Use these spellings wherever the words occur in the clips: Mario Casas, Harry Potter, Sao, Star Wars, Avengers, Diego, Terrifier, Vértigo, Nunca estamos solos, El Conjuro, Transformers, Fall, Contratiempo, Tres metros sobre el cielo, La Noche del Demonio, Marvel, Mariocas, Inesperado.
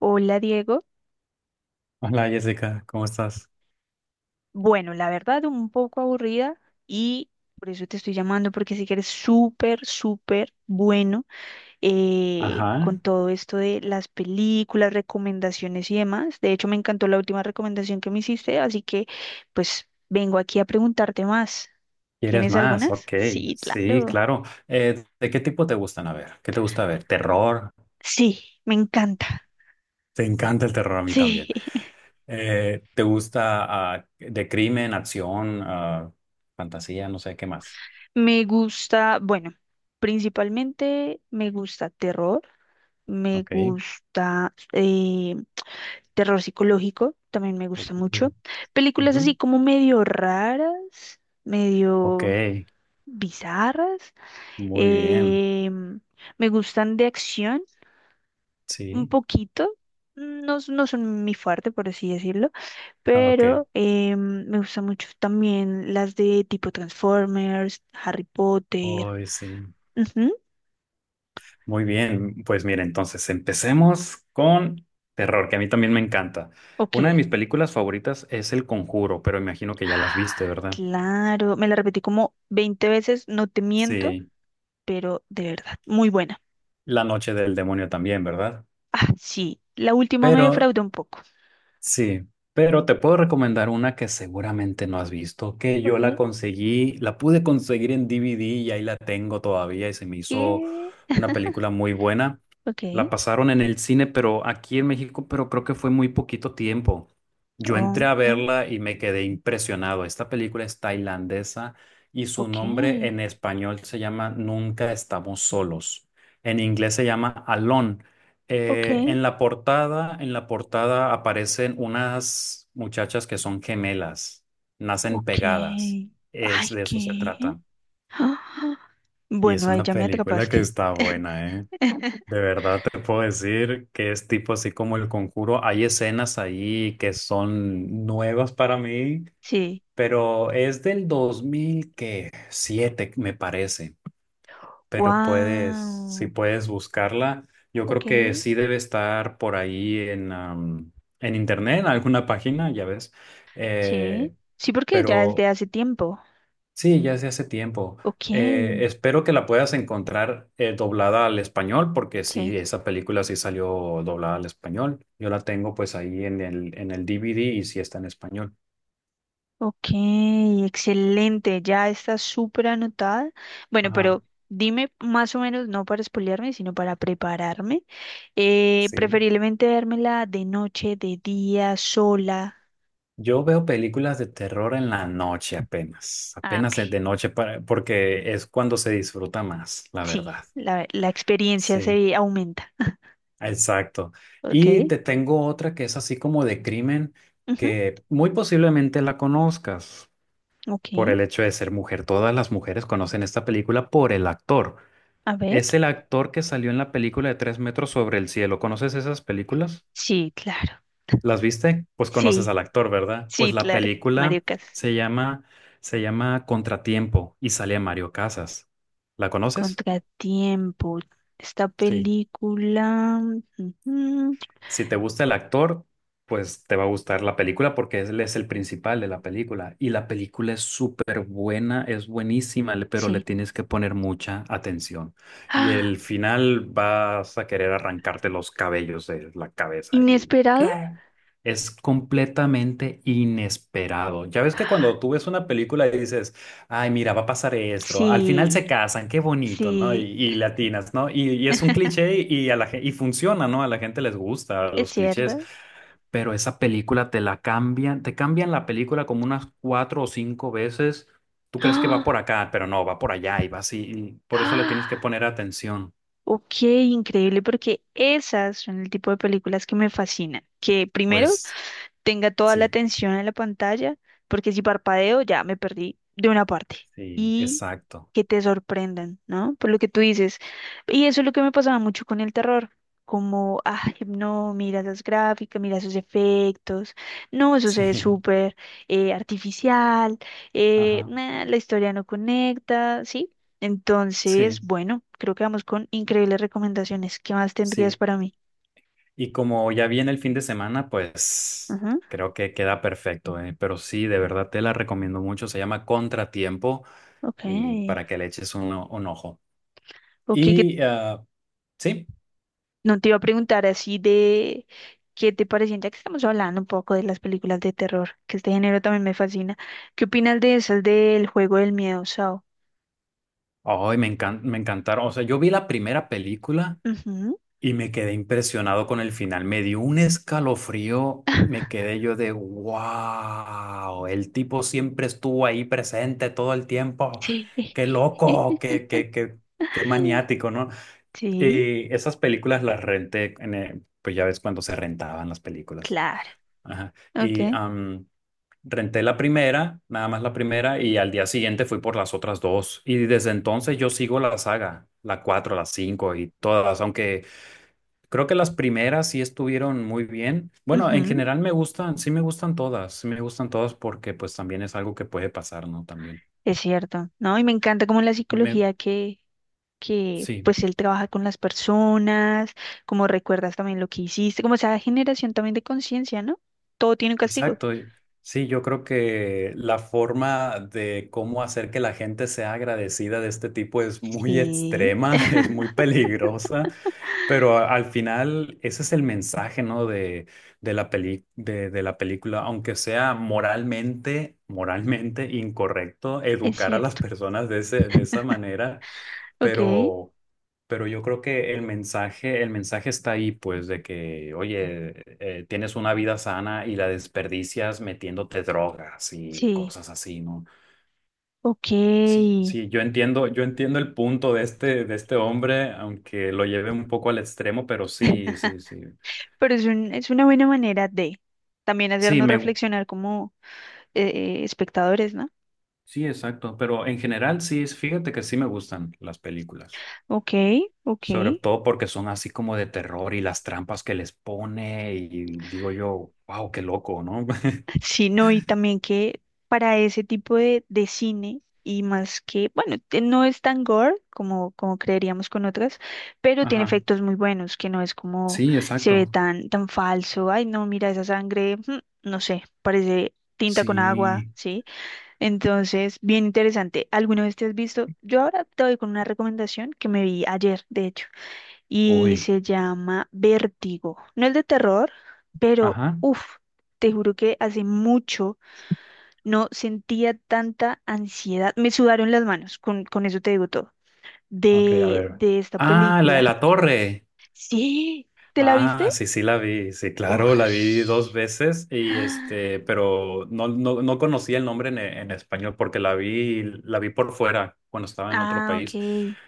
Hola Diego. Hola Jessica, ¿cómo estás? Bueno, la verdad un poco aburrida y por eso te estoy llamando porque sí que eres súper, súper bueno con Ajá, todo esto de las películas, recomendaciones y demás. De hecho, me encantó la última recomendación que me hiciste, así que pues vengo aquí a preguntarte más. ¿quieres ¿Tienes más? algunas? Ok, Sí, sí, claro. claro. ¿De qué tipo te gustan? A ver, ¿qué te gusta ver? ¿Terror? Sí, me encanta. Te encanta el terror, a mí Sí, también. ¿Te gusta de crimen, acción, fantasía, no sé qué más? Bueno, principalmente me gusta terror. Me Ok. gusta terror psicológico, también me gusta Uy, mucho. Películas ujú. así como medio raras, Ok, medio bizarras. muy bien. eh, Me gustan de acción un Sí, poquito. No, no son mi fuerte, por así decirlo, ok. pero me gustan mucho también las de tipo Transformers, Harry Potter. Hoy sí. Ujú, Muy bien, pues mira, entonces empecemos con terror, que a mí también me encanta. ok. Una de mis películas favoritas es El Conjuro, pero imagino que ya las viste, ¿verdad? Claro, me la repetí como 20 veces, no te miento, Sí, pero de verdad, muy buena. La Noche del Demonio también, ¿verdad? Ah, sí, la última me Pero defraudó un poco. sí, pero te puedo recomendar una que seguramente no has visto, que yo Ok, la conseguí, la pude conseguir en DVD, y ahí la tengo todavía y se me hizo ¿qué? una película muy buena. Ok, La pasaron en el cine, pero aquí en México, pero creo que fue muy poquito tiempo. Yo entré a ok, verla y me quedé impresionado. Esta película es tailandesa y su ok, nombre en español se llama Nunca estamos solos. En inglés se llama Alone, ok, en la portada aparecen unas muchachas que son gemelas, nacen ok. pegadas. Ay, Es de eso se ¿qué? trata. Ah, Y es bueno, ahí una ya me película que atrapaste. está buena, ¿eh? De verdad te puedo decir que es tipo así como El Conjuro. Hay escenas ahí que son nuevas para mí, Sí, pero es del dos mil siete, me parece. Pero puedes, si wow. puedes buscarla, yo creo Ok, que sí debe estar por ahí en, en internet, en alguna página, ya ves. sí. Eh, Sí, porque ya es de pero hace tiempo. sí, ya se hace tiempo. Ok, Espero que la puedas encontrar doblada al español, porque sí. sí, esa película sí salió doblada al español. Yo la tengo pues ahí en el DVD, y sí está en español. Ok, excelente, ya está súper anotada. Bueno, Ajá, pero dime más o menos, no para spoilearme, sino para prepararme. Sí. Preferiblemente dármela de noche, de día, sola. Yo veo películas de terror en la noche apenas, Ah, apenas ok, de noche para- porque es cuando se disfruta más, la sí, verdad. la experiencia Sí, se aumenta. exacto. Y Ok, te tengo otra que es así como de crimen ujú, que muy posiblemente la conozcas ok, por el hecho de ser mujer. Todas las mujeres conocen esta película por el actor. a ver. Es el actor que salió en la película de Tres metros sobre el cielo. ¿Conoces esas películas? Sí, claro, ¿Las viste? Pues conoces sí, al actor, ¿verdad? Pues sí, la claro. película Mariocas, se llama, se llama Contratiempo y sale Mario Casas. ¿La conoces? Contratiempo, esta Sí. película. Ujú, Si te gusta el actor, pues te va a gustar la película porque él es el principal de la película. Y la película es súper buena, es buenísima, le- pero le sí. tienes que poner mucha atención. Y el final vas a querer arrancarte los cabellos de la cabeza. Y ¿Inesperado? claro, es completamente inesperado. Ya ves que cuando tú ves una película y dices, ay, mira, va a pasar esto. Al final se Sí, casan, qué bonito, ¿no? Y, sí, y latinas, ¿no? Y es un cliché y, a la, gen- y funciona, ¿no? A la gente les gusta es los clichés, cierto. pero esa película te la cambian, te cambian la película como unas cuatro o cinco veces. Tú crees que va ¡Ah! por acá, pero no, va por allá y va así. Y por eso le tienes que ¡Ah! poner atención. Ok, increíble, porque esas son el tipo de películas que me fascinan. Que primero Pues tenga toda la sí, atención en la pantalla, porque si parpadeo ya me perdí de una parte. sí, exacto. Que te sorprendan, ¿no? Por lo que tú dices. Y eso es lo que me pasaba mucho con el terror. Como, ay, no, mira esas gráficas, mira esos efectos, no, eso se ve Sí, súper artificial, ajá, nah, la historia no conecta, ¿sí? Entonces, sí. bueno, creo que vamos con increíbles recomendaciones. ¿Qué más tendrías Sí, para mí? y como ya viene el fin de semana, pues Ajá, creo que queda perfecto, ¿eh? Pero sí, de verdad te la recomiendo mucho. Se llama Contratiempo Ok, y para que le eches un, o- un ojo. ok, ¿qué Y sí, No te iba a preguntar así de qué te parecían, ya que estamos hablando un poco de las películas de terror, que este género también me fascina. ¿Qué opinas de esas del juego del miedo, Sao? ay, me encan- me encantaron. O sea, yo vi la primera película Ujú. y me quedé impresionado con el final. Me dio un escalofrío. Me quedé yo de wow, el tipo siempre estuvo ahí presente todo el tiempo. Sí. Qué loco, qué, qué, qué, qué maniático, ¿no? Sí, Y esas películas las renté, en, pues ya ves cuando se rentaban las películas. claro. Ajá. Y Ok. Renté la primera, nada más la primera, y al día siguiente fui por las otras dos. Y desde entonces yo sigo la saga, la cuatro, la cinco y todas, aunque creo que las primeras sí estuvieron muy bien. Bueno, en Ujú. general me gustan, sí me gustan todas, sí me gustan todas porque pues también es algo que puede pasar, ¿no? También. Es cierto, ¿no? Y me encanta como la Y me, psicología que sí. pues él trabaja con las personas, como recuerdas también lo que hiciste, como esa generación también de conciencia, ¿no? Todo tiene un castigo. Exacto. Y- sí, yo creo que la forma de cómo hacer que la gente sea agradecida de este tipo es muy Sí, extrema, es muy peligrosa, pero a- al final ese es el mensaje, ¿no? De la peli- de la película, aunque sea moralmente, moralmente incorrecto es educar a las cierto. personas de ese, de esa manera. Ok, pero, pero yo creo que el mensaje está ahí, pues, de que, oye, tienes una vida sana y la desperdicias metiéndote drogas y sí, cosas así, ¿no? ok. Sí, sí, yo entiendo el punto de este hombre, aunque lo lleve un poco al extremo, pero sí, sí, sí. Pero es una buena manera de también Sí, hacernos me, reflexionar como espectadores, ¿no? sí, exacto, pero en general sí, fíjate que sí me gustan las películas. Ok, ok. Sobre todo porque son así como de terror y las trampas que les pone y digo yo, wow, qué loco, ¿no? Sí, no, y también que para ese tipo de cine, y más que, bueno, no es tan gore como creeríamos con otras, pero tiene Ajá. efectos muy buenos, que no es como Sí, se ve exacto. tan, tan falso. Ay, no, mira esa sangre, no sé, parece tinta con agua, Sí. ¿sí? Entonces, bien interesante. ¿Alguna vez te has visto? Yo ahora te doy con una recomendación que me vi ayer, de hecho, y Uy. se llama Vértigo. No es de terror, pero Ajá. uff, te juro que hace mucho no sentía tanta ansiedad. Me sudaron las manos, con eso te digo todo, Ok, a de, ver. de esta Ah, la de película. la torre. Sí, ¿te la viste? Ah, sí, sí la vi. Sí, claro, la vi Uy. dos veces y este, pero no, no, no conocía el nombre en español porque la vi por fuera cuando estaba en otro Ah, país. ok.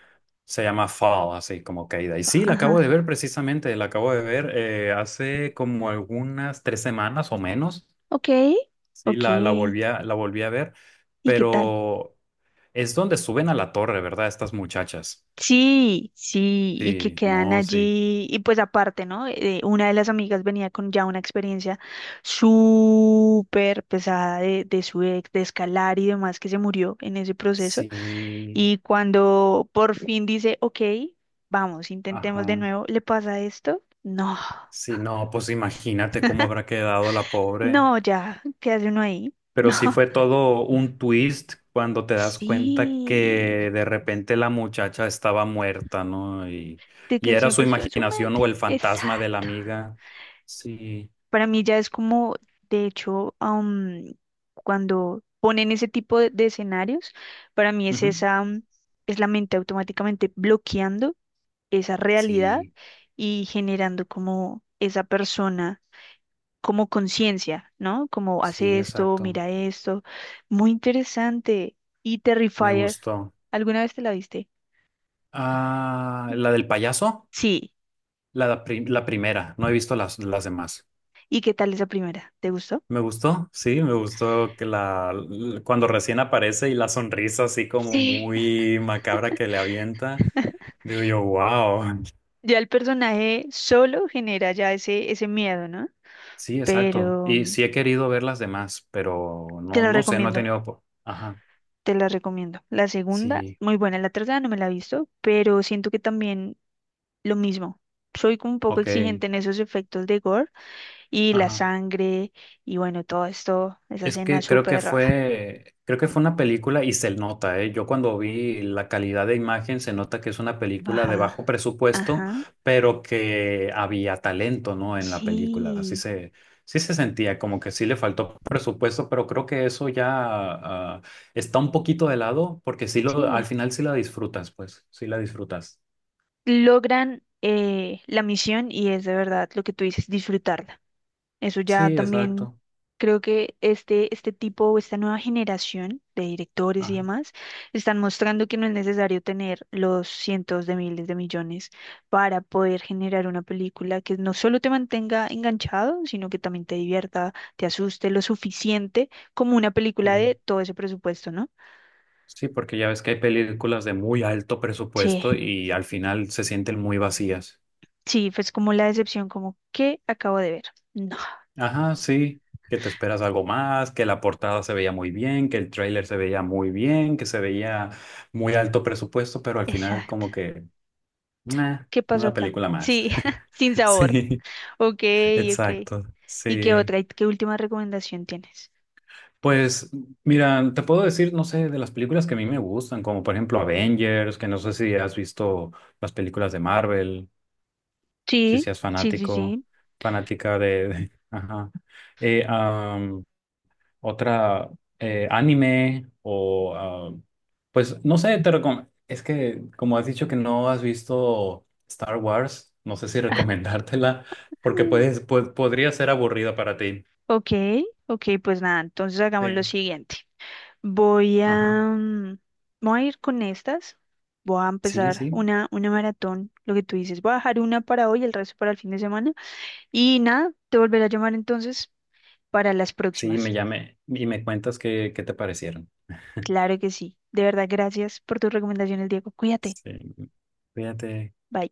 Se llama Fall, así como caída. Y sí, la acabo Ajá. de ver precisamente, la acabo de ver hace como algunas tres semanas o menos. Ok, Sí, ok. la, la volví a ver, ¿Y qué tal? pero es donde suben a la torre, ¿verdad? Estas muchachas. Sí, sí, y que Sí, quedan no, sí. allí, y pues aparte, ¿no? Una de las amigas venía con ya una experiencia súper pesada de su ex, de escalar y demás, que se murió en ese proceso, Sí, y cuando por fin dice, ok, vamos, intentemos de ajá. nuevo, ¿le pasa esto? No, Sí, no, pues imagínate cómo habrá quedado la pobre. no, ya, ¿qué hace uno ahí? Pero sí No, fue todo un twist cuando te das cuenta sí, que de repente la muchacha estaba muerta, ¿no? De Y que era su siempre estuvo en su imaginación o mente, el fantasma de la exacto. amiga. Sí. Para mí ya es como, de hecho, cuando ponen ese tipo de escenarios, para mí es Ujú. esa, es la mente automáticamente bloqueando esa realidad Sí, y generando como esa persona, como conciencia, ¿no? Como hace sí, esto, exacto. mira esto. Muy interesante. Y Me Terrifier, gustó. ¿alguna vez te la viste? Ah, la del payaso, Sí. la, pri- la primera. No he visto las demás. ¿Y qué tal esa primera? ¿Te gustó? Me gustó, sí, me gustó que la l- cuando recién aparece y la sonrisa así como Sí. muy macabra que le avienta. Digo yo, wow. Ya el personaje solo genera ya ese miedo, ¿no? Sí, exacto. Pero Y sí he querido ver las demás, pero te no, la no sé, no he recomiendo, tenido... po- Ajá, te la recomiendo. La segunda, sí, muy buena, la tercera no me la he visto, pero siento que también lo mismo. Soy como un poco ok, exigente en esos efectos de gore y la ajá. sangre y bueno, todo esto, esa Es escena que súper creo que fue una película y se nota, ¿eh? Yo cuando vi la calidad de imagen se nota que es una película de bajo baja. presupuesto, Ajá, pero que había talento, ¿no? En la película. Así sí, se, sí se sentía como que sí le faltó presupuesto, pero creo que eso ya está un poquito de lado porque sí lo, al sí. final sí la disfrutas, pues, sí la disfrutas. Logran la misión y es de verdad lo que tú dices, disfrutarla. Eso ya Sí, también exacto. creo que este tipo o esta nueva generación de directores y Ajá, demás están mostrando que no es necesario tener los cientos de miles de millones para poder generar una película que no solo te mantenga enganchado, sino que también te divierta, te asuste lo suficiente como una película sí. de todo ese presupuesto, ¿no? Sí, porque ya ves que hay películas de muy alto presupuesto Sí, y al final se sienten muy vacías. sí, pues como la decepción, como ¿qué acabo de ver? No, Ajá, sí, que te esperas algo más, que la portada se veía muy bien, que el tráiler se veía muy bien, que se veía muy alto presupuesto, pero al final exacto. como que, "Meh, ¿Qué pasó una acá? película más". Sí, sin sabor. Sí, Ok, ok. exacto, ¿Y qué sí. otra? ¿Y qué última recomendación tienes? Pues mira, te puedo decir, no sé, de las películas que a mí me gustan, como por ejemplo Avengers, que no sé si has visto las películas de Marvel. Si Sí, seas sí, sí, fanático, sí. fanática de- ajá. Eh, am, otra anime o pues no sé, te recom- es que como has dicho que no has visto Star Wars, no sé si recomendártela porque Mm. puedes pu- podría ser aburrida para ti. Ok, ok, pues nada, entonces hagamos lo Sí. siguiente. Voy Ajá. a, mm, Voy a ir con estas. Voy a Sí, empezar sí. una maratón, lo que tú dices. Voy a dejar una para hoy, el resto para el fin de semana. Y nada, te volveré a llamar entonces para las Sí, próximas. me llame y me cuentas qué, qué te parecieron. Claro que sí. De verdad, gracias por tus recomendaciones, Diego. Cuídate. Sí. Cuídate. Bye.